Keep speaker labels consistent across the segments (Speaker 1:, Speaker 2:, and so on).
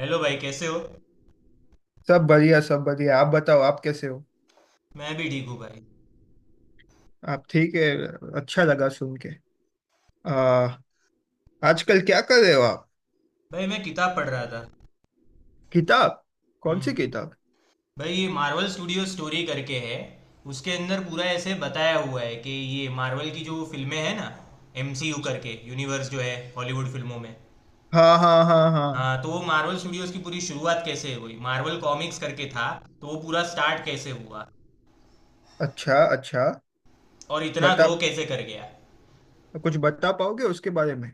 Speaker 1: Hello भाई, कैसे हो।
Speaker 2: सब बढ़िया सब बढ़िया। आप बताओ, आप कैसे हो?
Speaker 1: मैं भी ठीक हूँ भाई।
Speaker 2: आप ठीक है? अच्छा लगा सुन के। आ, आजकल क्या कर रहे हो आप?
Speaker 1: भाई, मैं किताब पढ़ रहा था।
Speaker 2: किताब? कौन
Speaker 1: हम्म
Speaker 2: सी किताब?
Speaker 1: भाई, ये मार्वल स्टूडियो स्टोरी करके है। उसके अंदर पूरा ऐसे बताया हुआ है कि ये मार्वल की जो फिल्में हैं ना, एमसीयू करके यूनिवर्स जो है हॉलीवुड फिल्मों में।
Speaker 2: हाँ हाँ हाँ हाँ।
Speaker 1: हाँ, तो वो मार्वल स्टूडियोज की पूरी शुरुआत कैसे हुई, मार्वल कॉमिक्स करके था। तो वो पूरा स्टार्ट कैसे हुआ
Speaker 2: अच्छा अच्छा।
Speaker 1: और इतना
Speaker 2: बता,
Speaker 1: ग्रो कैसे कर गया।
Speaker 2: कुछ बता पाओगे उसके बारे में?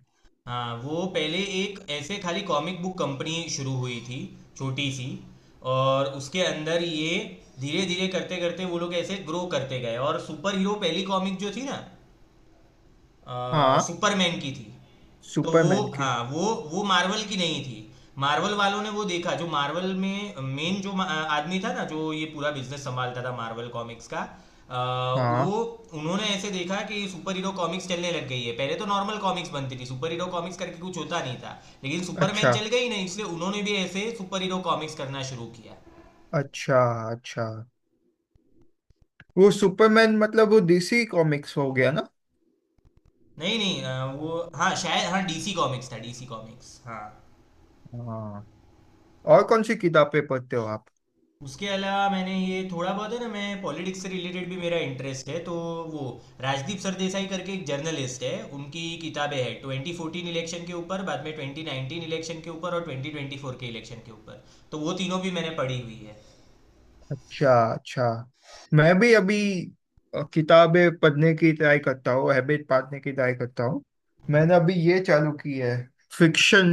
Speaker 1: हाँ, वो पहले एक ऐसे खाली कॉमिक बुक कंपनी शुरू हुई थी, छोटी सी। और उसके अंदर ये धीरे धीरे करते करते वो लोग ऐसे ग्रो करते गए। और सुपर हीरो पहली कॉमिक जो थी ना,
Speaker 2: हाँ।
Speaker 1: सुपरमैन की थी। तो वो,
Speaker 2: सुपरमैन की?
Speaker 1: हाँ, वो मार्वल की नहीं थी। मार्वल वालों ने वो देखा, जो मार्वल में मेन जो आदमी था ना, जो ये पूरा बिजनेस संभालता था मार्वल कॉमिक्स का। अ, वो
Speaker 2: हाँ।
Speaker 1: उन्होंने ऐसे देखा कि सुपर हीरो कॉमिक्स चलने लग गई है। पहले तो नॉर्मल कॉमिक्स बनती थी, सुपर हीरो कॉमिक्स करके कुछ होता नहीं था। लेकिन सुपरमैन
Speaker 2: अच्छा
Speaker 1: चल गई ना, इसलिए उन्होंने भी ऐसे सुपर हीरो कॉमिक्स करना शुरू किया।
Speaker 2: अच्छा अच्छा। वो सुपरमैन मतलब वो डीसी कॉमिक्स हो गया ना?
Speaker 1: नहीं नहीं, वो, हाँ, शायद, हाँ, डीसी कॉमिक्स था, डीसी कॉमिक्स, हाँ।
Speaker 2: हाँ। और कौन सी किताबें पढ़ते हो आप?
Speaker 1: उसके अलावा मैंने ये थोड़ा बहुत है ना, मैं पॉलिटिक्स से रिलेटेड भी मेरा इंटरेस्ट है। तो वो, राजदीप सरदेसाई करके एक जर्नलिस्ट है, उनकी किताबें हैं 2014 इलेक्शन के ऊपर, बाद में 2019 इलेक्शन के ऊपर और 2024 के इलेक्शन के ऊपर। तो वो तीनों भी मैंने पढ़ी हुई है।
Speaker 2: अच्छा अच्छा। मैं भी अभी, किताबें पढ़ने की ट्राई करता हूँ, हैबिट पालने की ट्राई करता हूँ। मैंने अभी ये चालू की है, फिक्शन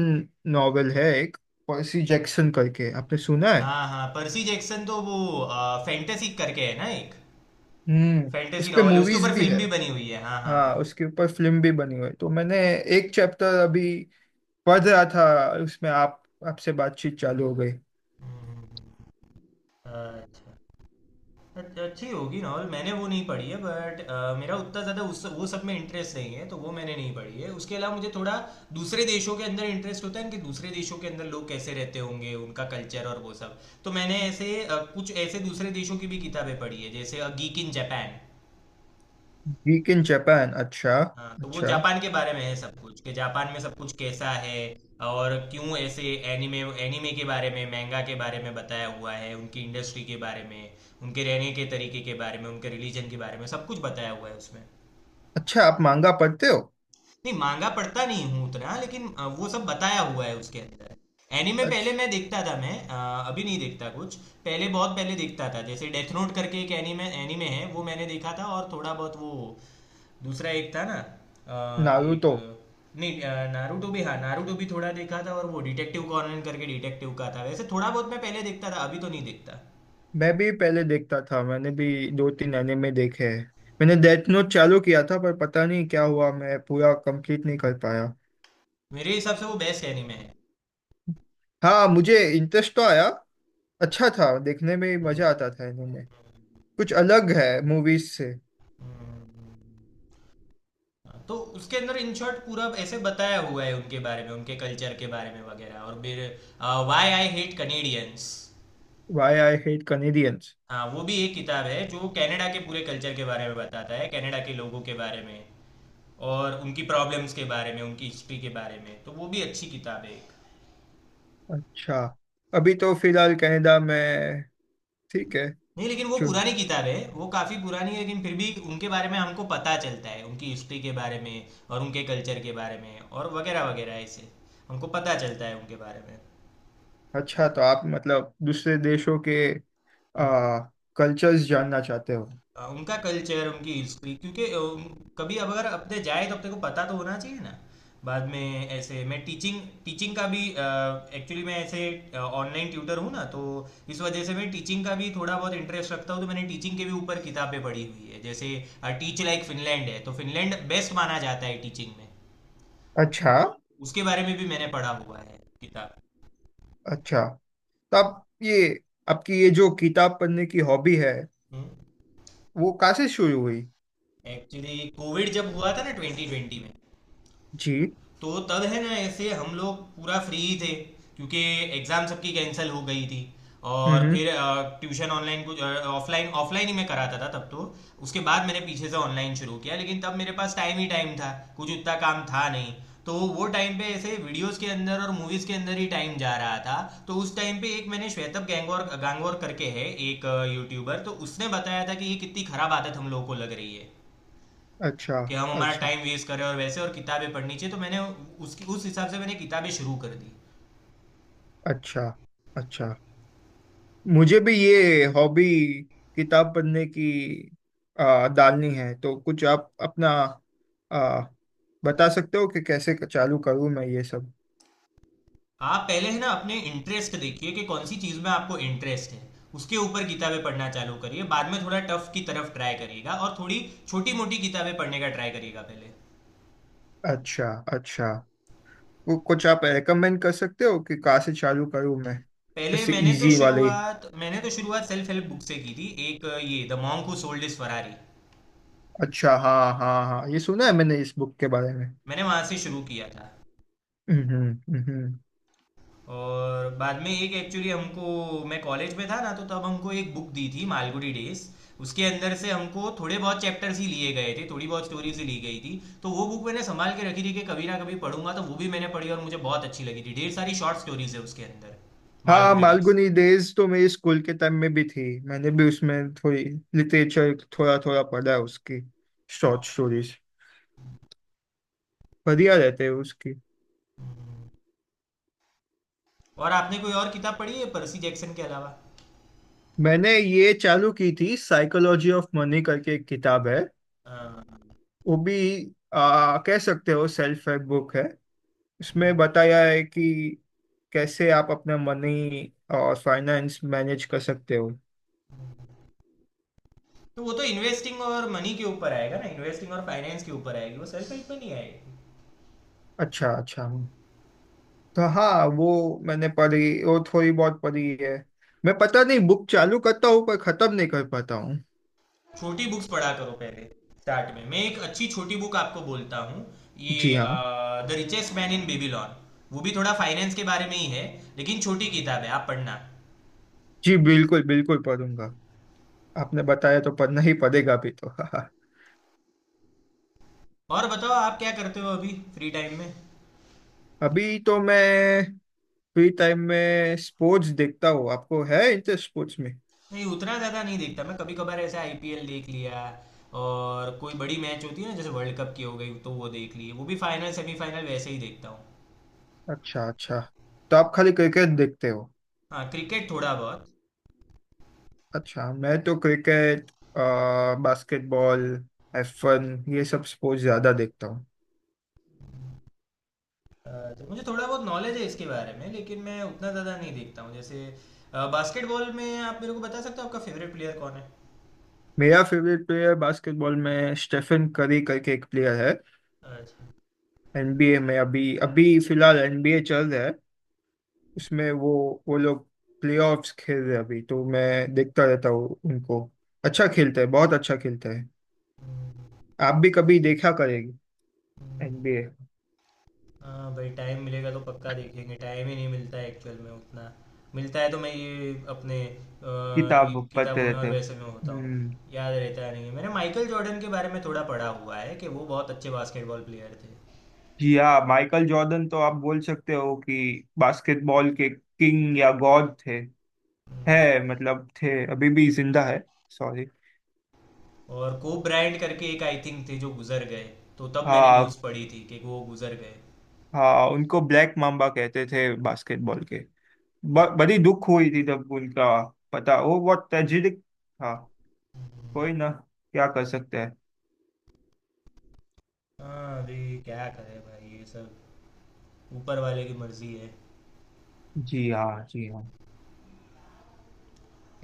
Speaker 2: नॉवेल है एक, पर्सी जैक्सन करके, आपने सुना है?
Speaker 1: हाँ हाँ, पर्सी जैक्सन, तो वो फैंटेसी करके है ना, एक
Speaker 2: हम्म। उस
Speaker 1: फैंटेसी
Speaker 2: पे
Speaker 1: नॉवल है। उसके
Speaker 2: मूवीज
Speaker 1: ऊपर
Speaker 2: भी
Speaker 1: फिल्म
Speaker 2: है?
Speaker 1: भी बनी हुई है, हाँ हाँ
Speaker 2: हाँ,
Speaker 1: हाँ।
Speaker 2: उसके ऊपर फिल्म भी बनी हुई है, तो मैंने एक चैप्टर अभी पढ़ रहा था उसमें। आप, आपसे बातचीत चालू हो गई।
Speaker 1: हम्म, अच्छा, अच्छी होगी नॉवल, मैंने वो नहीं पढ़ी है। बट मेरा उतना ज़्यादा उस वो सब में इंटरेस्ट नहीं है, तो वो मैंने नहीं पढ़ी है। उसके अलावा मुझे थोड़ा दूसरे देशों के अंदर इंटरेस्ट होता है कि दूसरे देशों के अंदर लोग कैसे रहते होंगे, उनका कल्चर और वो सब। तो मैंने ऐसे कुछ ऐसे दूसरे देशों की भी किताबें पढ़ी है, जैसे अ geek in Japan.
Speaker 2: Week in Japan? अच्छा।
Speaker 1: हाँ, तो वो
Speaker 2: अच्छा।
Speaker 1: जापान के बारे में है सब कुछ, कि जापान में सब कुछ कैसा है और क्यों ऐसे। एनिमे, एनिमे के बारे में, manga के बारे में बताया हुआ है, उनकी इंडस्ट्री के बारे में, उनके रहने के तरीके के बारे में, उनके रिलीजन के बारे में सब कुछ बताया हुआ है उसमें।
Speaker 2: अच्छा आप मांगा पढ़ते हो?
Speaker 1: नहीं, मांगा पढ़ता नहीं हूँ उतना, लेकिन वो सब बताया हुआ है उसके अंदर। एनिमे पहले
Speaker 2: अच्छा।
Speaker 1: मैं देखता था, मैं अभी नहीं देखता कुछ। पहले बहुत पहले देखता था, जैसे डेथ नोट करके एक एनिमे, एनिमे है, वो मैंने देखा था। और थोड़ा बहुत वो दूसरा एक था ना, एक।
Speaker 2: नारुतो?
Speaker 1: नहीं, नारुतो भी, हाँ, नारुतो भी थोड़ा देखा था। और वो डिटेक्टिव कॉनन करके डिटेक्टिव का था, वैसे थोड़ा बहुत मैं पहले देखता था, अभी तो नहीं देखता।
Speaker 2: मैं भी पहले देखता था, मैंने भी दो तीन एनिमे देखे हैं। मैंने डेथ नोट चालू किया था, पर पता नहीं क्या हुआ, मैं पूरा कंप्लीट नहीं कर पाया।
Speaker 1: मेरे हिसाब से वो बेस्ट एनिमे है।
Speaker 2: हाँ, मुझे इंटरेस्ट तो आया। अच्छा था, देखने में मजा आता था एनिमे, कुछ अलग है मूवीज से।
Speaker 1: हम्म, तो उसके अंदर इन शॉर्ट पूरा ऐसे बताया हुआ है उनके बारे में, उनके कल्चर के बारे में वगैरह। और फिर, why I hate Canadians.
Speaker 2: Why I hate Canadians?
Speaker 1: हाँ, वो भी एक किताब है जो कनाडा के पूरे कल्चर के बारे में बताता है, कनाडा के लोगों के बारे में और उनकी प्रॉब्लम्स के बारे में, उनकी हिस्ट्री के बारे में। तो वो भी अच्छी किताब है।
Speaker 2: अच्छा। अभी तो फिलहाल कनाडा में, ठीक है।
Speaker 1: नहीं, लेकिन वो
Speaker 2: चु-
Speaker 1: पुरानी किताब है, वो काफ़ी पुरानी है। लेकिन फिर भी उनके बारे में हमको पता चलता है, उनकी हिस्ट्री के बारे में और उनके कल्चर के बारे में, और वगैरह वगैरह, ऐसे हमको पता चलता है उनके बारे में।
Speaker 2: अच्छा तो आप मतलब दूसरे देशों के,
Speaker 1: हम्म।
Speaker 2: आ, कल्चर्स जानना चाहते हो?
Speaker 1: उनका कल्चर, उनकी हिस्ट्री, क्योंकि कभी अब अगर अपने जाए तो अपने को पता तो होना चाहिए ना। बाद में ऐसे मैं टीचिंग, टीचिंग का भी, एक्चुअली मैं ऐसे ऑनलाइन ट्यूटर हूँ ना, तो इस वजह से मैं टीचिंग का भी थोड़ा बहुत इंटरेस्ट रखता हूँ। तो मैंने टीचिंग के भी ऊपर किताबें पढ़ी हुई है, जैसे टीच लाइक फिनलैंड है। तो फिनलैंड बेस्ट माना जाता है टीचिंग में।
Speaker 2: अच्छा
Speaker 1: तो उसके बारे में भी मैंने पढ़ा हुआ है किताब।
Speaker 2: अच्छा। तो आप ये, आपकी ये जो किताब पढ़ने की हॉबी है, वो कहाँ से शुरू हुई?
Speaker 1: एक्चुअली कोविड जब हुआ था ना, 2020 में,
Speaker 2: जी।
Speaker 1: तो तब है ना ऐसे हम लोग पूरा फ्री ही थे, क्योंकि एग्ज़ाम सबकी कैंसिल हो गई थी। और
Speaker 2: हम्म।
Speaker 1: फिर ट्यूशन ऑनलाइन, कुछ ऑफलाइन, ऑफलाइन ही मैं कराता था तब तो। उसके बाद मैंने पीछे से ऑनलाइन शुरू किया, लेकिन तब मेरे पास टाइम ही टाइम था, कुछ उतना काम था नहीं। तो वो टाइम पे ऐसे वीडियोस के अंदर और मूवीज के अंदर ही टाइम जा रहा था। तो उस टाइम पे एक मैंने श्वेतब गैंगोर, गांगोर करके है एक यूट्यूबर, तो उसने बताया था कि ये कितनी खराब आदत हम लोगों को लग रही है
Speaker 2: अच्छा।
Speaker 1: कि हम हमारा
Speaker 2: अच्छा।
Speaker 1: टाइम वेस्ट करें, और वैसे और किताबें पढ़नी चाहिए। तो मैंने उसकी, उस हिसाब से मैंने किताबें शुरू कर दी।
Speaker 2: अच्छा। अच्छा मुझे भी ये हॉबी, किताब पढ़ने की, डालनी है। तो कुछ आप अपना, आ, बता सकते हो कि कैसे चालू करूँ मैं ये सब?
Speaker 1: आप पहले है ना अपने इंटरेस्ट देखिए कि कौन सी चीज़ में आपको इंटरेस्ट है, उसके ऊपर किताबें पढ़ना चालू करिए। बाद में थोड़ा टफ की तरफ ट्राई करिएगा, और थोड़ी छोटी मोटी किताबें पढ़ने का ट्राई करिएगा पहले।
Speaker 2: अच्छा अच्छा। वो कुछ आप रेकमेंड कर सकते हो कि कहाँ से चालू करूँ मैं?
Speaker 1: पहले
Speaker 2: ऐसे इजी वाले।
Speaker 1: मैंने तो शुरुआत सेल्फ हेल्प बुक से की थी, एक ये the monk who sold is Ferrari.
Speaker 2: अच्छा हाँ हाँ हाँ, ये सुना है मैंने इस बुक के बारे में।
Speaker 1: मैंने वहाँ से शुरू किया था।
Speaker 2: हम्म।
Speaker 1: और बाद में एक, एक्चुअली हमको, मैं कॉलेज में था ना, तो तब हमको एक बुक दी थी, मालगुडी डेज। उसके अंदर से हमको थोड़े बहुत चैप्टर्स ही लिए गए थे, थोड़ी बहुत स्टोरीज ही ली गई थी। तो वो बुक मैंने संभाल के रखी थी कि कभी ना कभी पढ़ूंगा, तो वो भी मैंने पढ़ी और मुझे बहुत अच्छी लगी थी। ढेर सारी शॉर्ट स्टोरीज है उसके अंदर,
Speaker 2: हाँ
Speaker 1: मालगुडी डेज।
Speaker 2: मालगुनी डेज तो मेरी स्कूल के टाइम में भी थी। मैंने भी उसमें थोड़ी लिटरेचर थोड़ा थोड़ा पढ़ा है उसकी। शॉर्ट स्टोरीज बढ़िया रहते हैं उसकी।
Speaker 1: और आपने कोई और किताब पढ़ी है पर्सी जैक्सन के अलावा?
Speaker 2: मैंने ये चालू की थी, साइकोलॉजी ऑफ मनी करके एक किताब है।
Speaker 1: हाँ।
Speaker 2: वो भी, कह सकते हो सेल्फ हेल्प बुक है। उसमें बताया है कि कैसे आप अपना मनी और फाइनेंस मैनेज कर सकते हो।
Speaker 1: तो वो तो इन्वेस्टिंग और मनी के ऊपर आएगा ना, इन्वेस्टिंग और फाइनेंस के ऊपर आएगी, वो सेल्फ हेल्प में नहीं आएगी।
Speaker 2: अच्छा अच्छा। तो हाँ वो, मैंने पढ़ी, वो थोड़ी बहुत पढ़ी है। मैं पता नहीं, बुक चालू करता हूँ पर खत्म नहीं कर पाता हूँ।
Speaker 1: छोटी बुक्स पढ़ा करो पहले। स्टार्ट में मैं एक अच्छी छोटी बुक आपको बोलता हूँ,
Speaker 2: जी
Speaker 1: ये
Speaker 2: हाँ।
Speaker 1: The richest man in Babylon. वो भी थोड़ा फाइनेंस के बारे में ही है, लेकिन छोटी किताब है, आप पढ़ना।
Speaker 2: जी बिल्कुल बिल्कुल, पढ़ूंगा। आपने बताया तो पढ़ना ही पड़ेगा अभी तो हाँ।
Speaker 1: और बताओ, आप क्या करते हो अभी फ्री टाइम में?
Speaker 2: अभी तो मैं फ्री टाइम में स्पोर्ट्स देखता हूँ। आपको है इंटरेस्ट स्पोर्ट्स में?
Speaker 1: नहीं, उतना ज़्यादा नहीं देखता मैं, कभी कभार ऐसे आईपीएल देख लिया। और कोई बड़ी मैच होती है ना, जैसे वर्ल्ड कप की हो गई तो वो देख ली, वो भी फाइनल सेमीफाइनल वैसे ही देखता हूँ।
Speaker 2: अच्छा अच्छा। तो आप खाली क्रिकेट देखते हो?
Speaker 1: हाँ, क्रिकेट थोड़ा बहुत।
Speaker 2: अच्छा मैं तो क्रिकेट, बास्केटबॉल, F1, ये सब स्पोर्ट्स ज्यादा देखता हूँ।
Speaker 1: अच्छा, मुझे थोड़ा बहुत नॉलेज है इसके बारे में, लेकिन मैं उतना ज़्यादा नहीं देखता हूँ। जैसे बास्केटबॉल में, आप मेरे को बता सकते हो आपका फेवरेट प्लेयर कौन है?
Speaker 2: मेरा फेवरेट प्लेयर बास्केटबॉल में स्टेफन करी करके एक प्लेयर है।
Speaker 1: अच्छा।
Speaker 2: एनबीए में, अभी अभी फिलहाल एनबीए चल रहा है, उसमें वो लोग प्लेऑफ्स खेल रहे हैं अभी, तो मैं देखता रहता हूँ उनको। अच्छा खेलते हैं, बहुत अच्छा खेलते हैं। आप भी कभी देखा करेंगे
Speaker 1: हम्म,
Speaker 2: एनबीए।
Speaker 1: हाँ भाई, टाइम मिलेगा तो पक्का देखेंगे। टाइम ही नहीं मिलता है एक्चुअल में उतना। मिलता है तो मैं ये अपने
Speaker 2: किताब पढ़ते
Speaker 1: किताबों में और
Speaker 2: रहते हो
Speaker 1: वैसे में होता हूँ,
Speaker 2: हम्म।
Speaker 1: याद रहता नहीं है। मैंने माइकल जॉर्डन के बारे में थोड़ा पढ़ा हुआ है कि वो बहुत अच्छे बास्केटबॉल प्लेयर थे।
Speaker 2: जी हाँ, माइकल जॉर्डन तो आप बोल सकते हो कि बास्केटबॉल के किंग या गॉड थे।
Speaker 1: हम्म,
Speaker 2: है मतलब, थे, अभी भी जिंदा है, सॉरी।
Speaker 1: और कोब ब्रायंट करके एक, आई थिंक, थे जो गुजर गए, तो तब मैंने न्यूज़
Speaker 2: हाँ
Speaker 1: पढ़ी थी कि वो गुजर गए।
Speaker 2: हाँ, उनको ब्लैक माम्बा कहते थे बास्केटबॉल के। बड़ी दुख हुई थी तब उनका, पता वो बहुत ट्रेजिक था। कोई ना, क्या कर सकते हैं।
Speaker 1: हाँ, अभी क्या करें भाई, ये सब ऊपर वाले की मर्जी है।
Speaker 2: जी हाँ जी हाँ।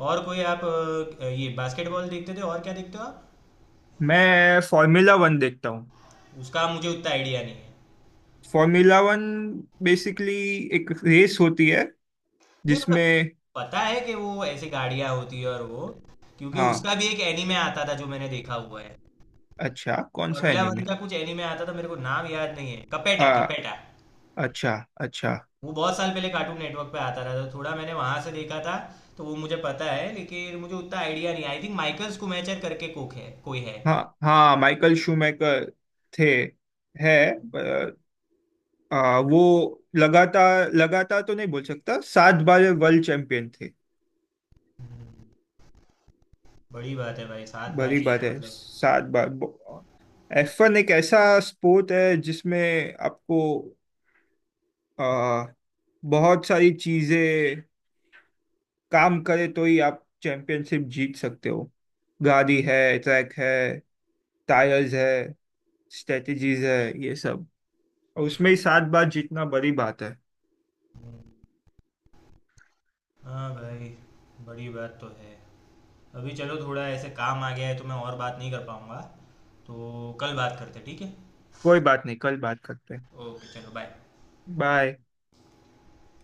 Speaker 1: और कोई आप ये बास्केटबॉल देखते थे, और क्या देखते हो आप?
Speaker 2: मैं फॉर्मूला वन देखता हूँ।
Speaker 1: उसका मुझे उतना आइडिया नहीं है।
Speaker 2: फॉर्मूला वन बेसिकली एक रेस होती है
Speaker 1: नहीं, मतलब
Speaker 2: जिसमें,
Speaker 1: पता है कि वो ऐसी गाड़ियाँ होती है, और वो, क्योंकि
Speaker 2: हाँ।
Speaker 1: उसका भी एक एनीमे आता था जो मैंने देखा हुआ है।
Speaker 2: अच्छा कौन सा
Speaker 1: फॉर्मूला वन
Speaker 2: एनिमे?
Speaker 1: का कुछ एनीमे आता था, मेरे को नाम याद नहीं है, कपेटा
Speaker 2: आ
Speaker 1: कपेटा।
Speaker 2: अच्छा। अच्छा।
Speaker 1: वो बहुत साल पहले कार्टून नेटवर्क पे आता था, तो थोड़ा मैंने वहां से देखा था। तो वो मुझे पता है, लेकिन मुझे उतना आइडिया नहीं। आई थिंक माइकल स्कूमेचर करके कोक है, कोई है।
Speaker 2: हाँ हाँ माइकल शूमेकर, थे, है, वो लगातार लगातार तो नहीं बोल सकता, 7 बार वे वर्ल्ड चैंपियन थे।
Speaker 1: बड़ी बात है भाई, 7 बार
Speaker 2: बड़ी बात
Speaker 1: जीतना
Speaker 2: है
Speaker 1: मतलब।
Speaker 2: 7 बार। F1 एक ऐसा स्पोर्ट है जिसमें आपको, आ, बहुत सारी चीजें काम करे तो ही आप चैंपियनशिप जीत सकते हो। गाड़ी है, ट्रैक है, टायर्स है, स्ट्रेटजीज है, ये सब, और उसमें ही 7 बार जीतना बड़ी बात है।
Speaker 1: हाँ भाई, बड़ी बात तो है। अभी चलो, थोड़ा ऐसे काम आ गया है, तो मैं और बात नहीं कर पाऊँगा, तो कल बात करते हैं, ठीक है।
Speaker 2: कोई बात नहीं, कल बात करते हैं।
Speaker 1: ओके, चलो बाय।
Speaker 2: बाय।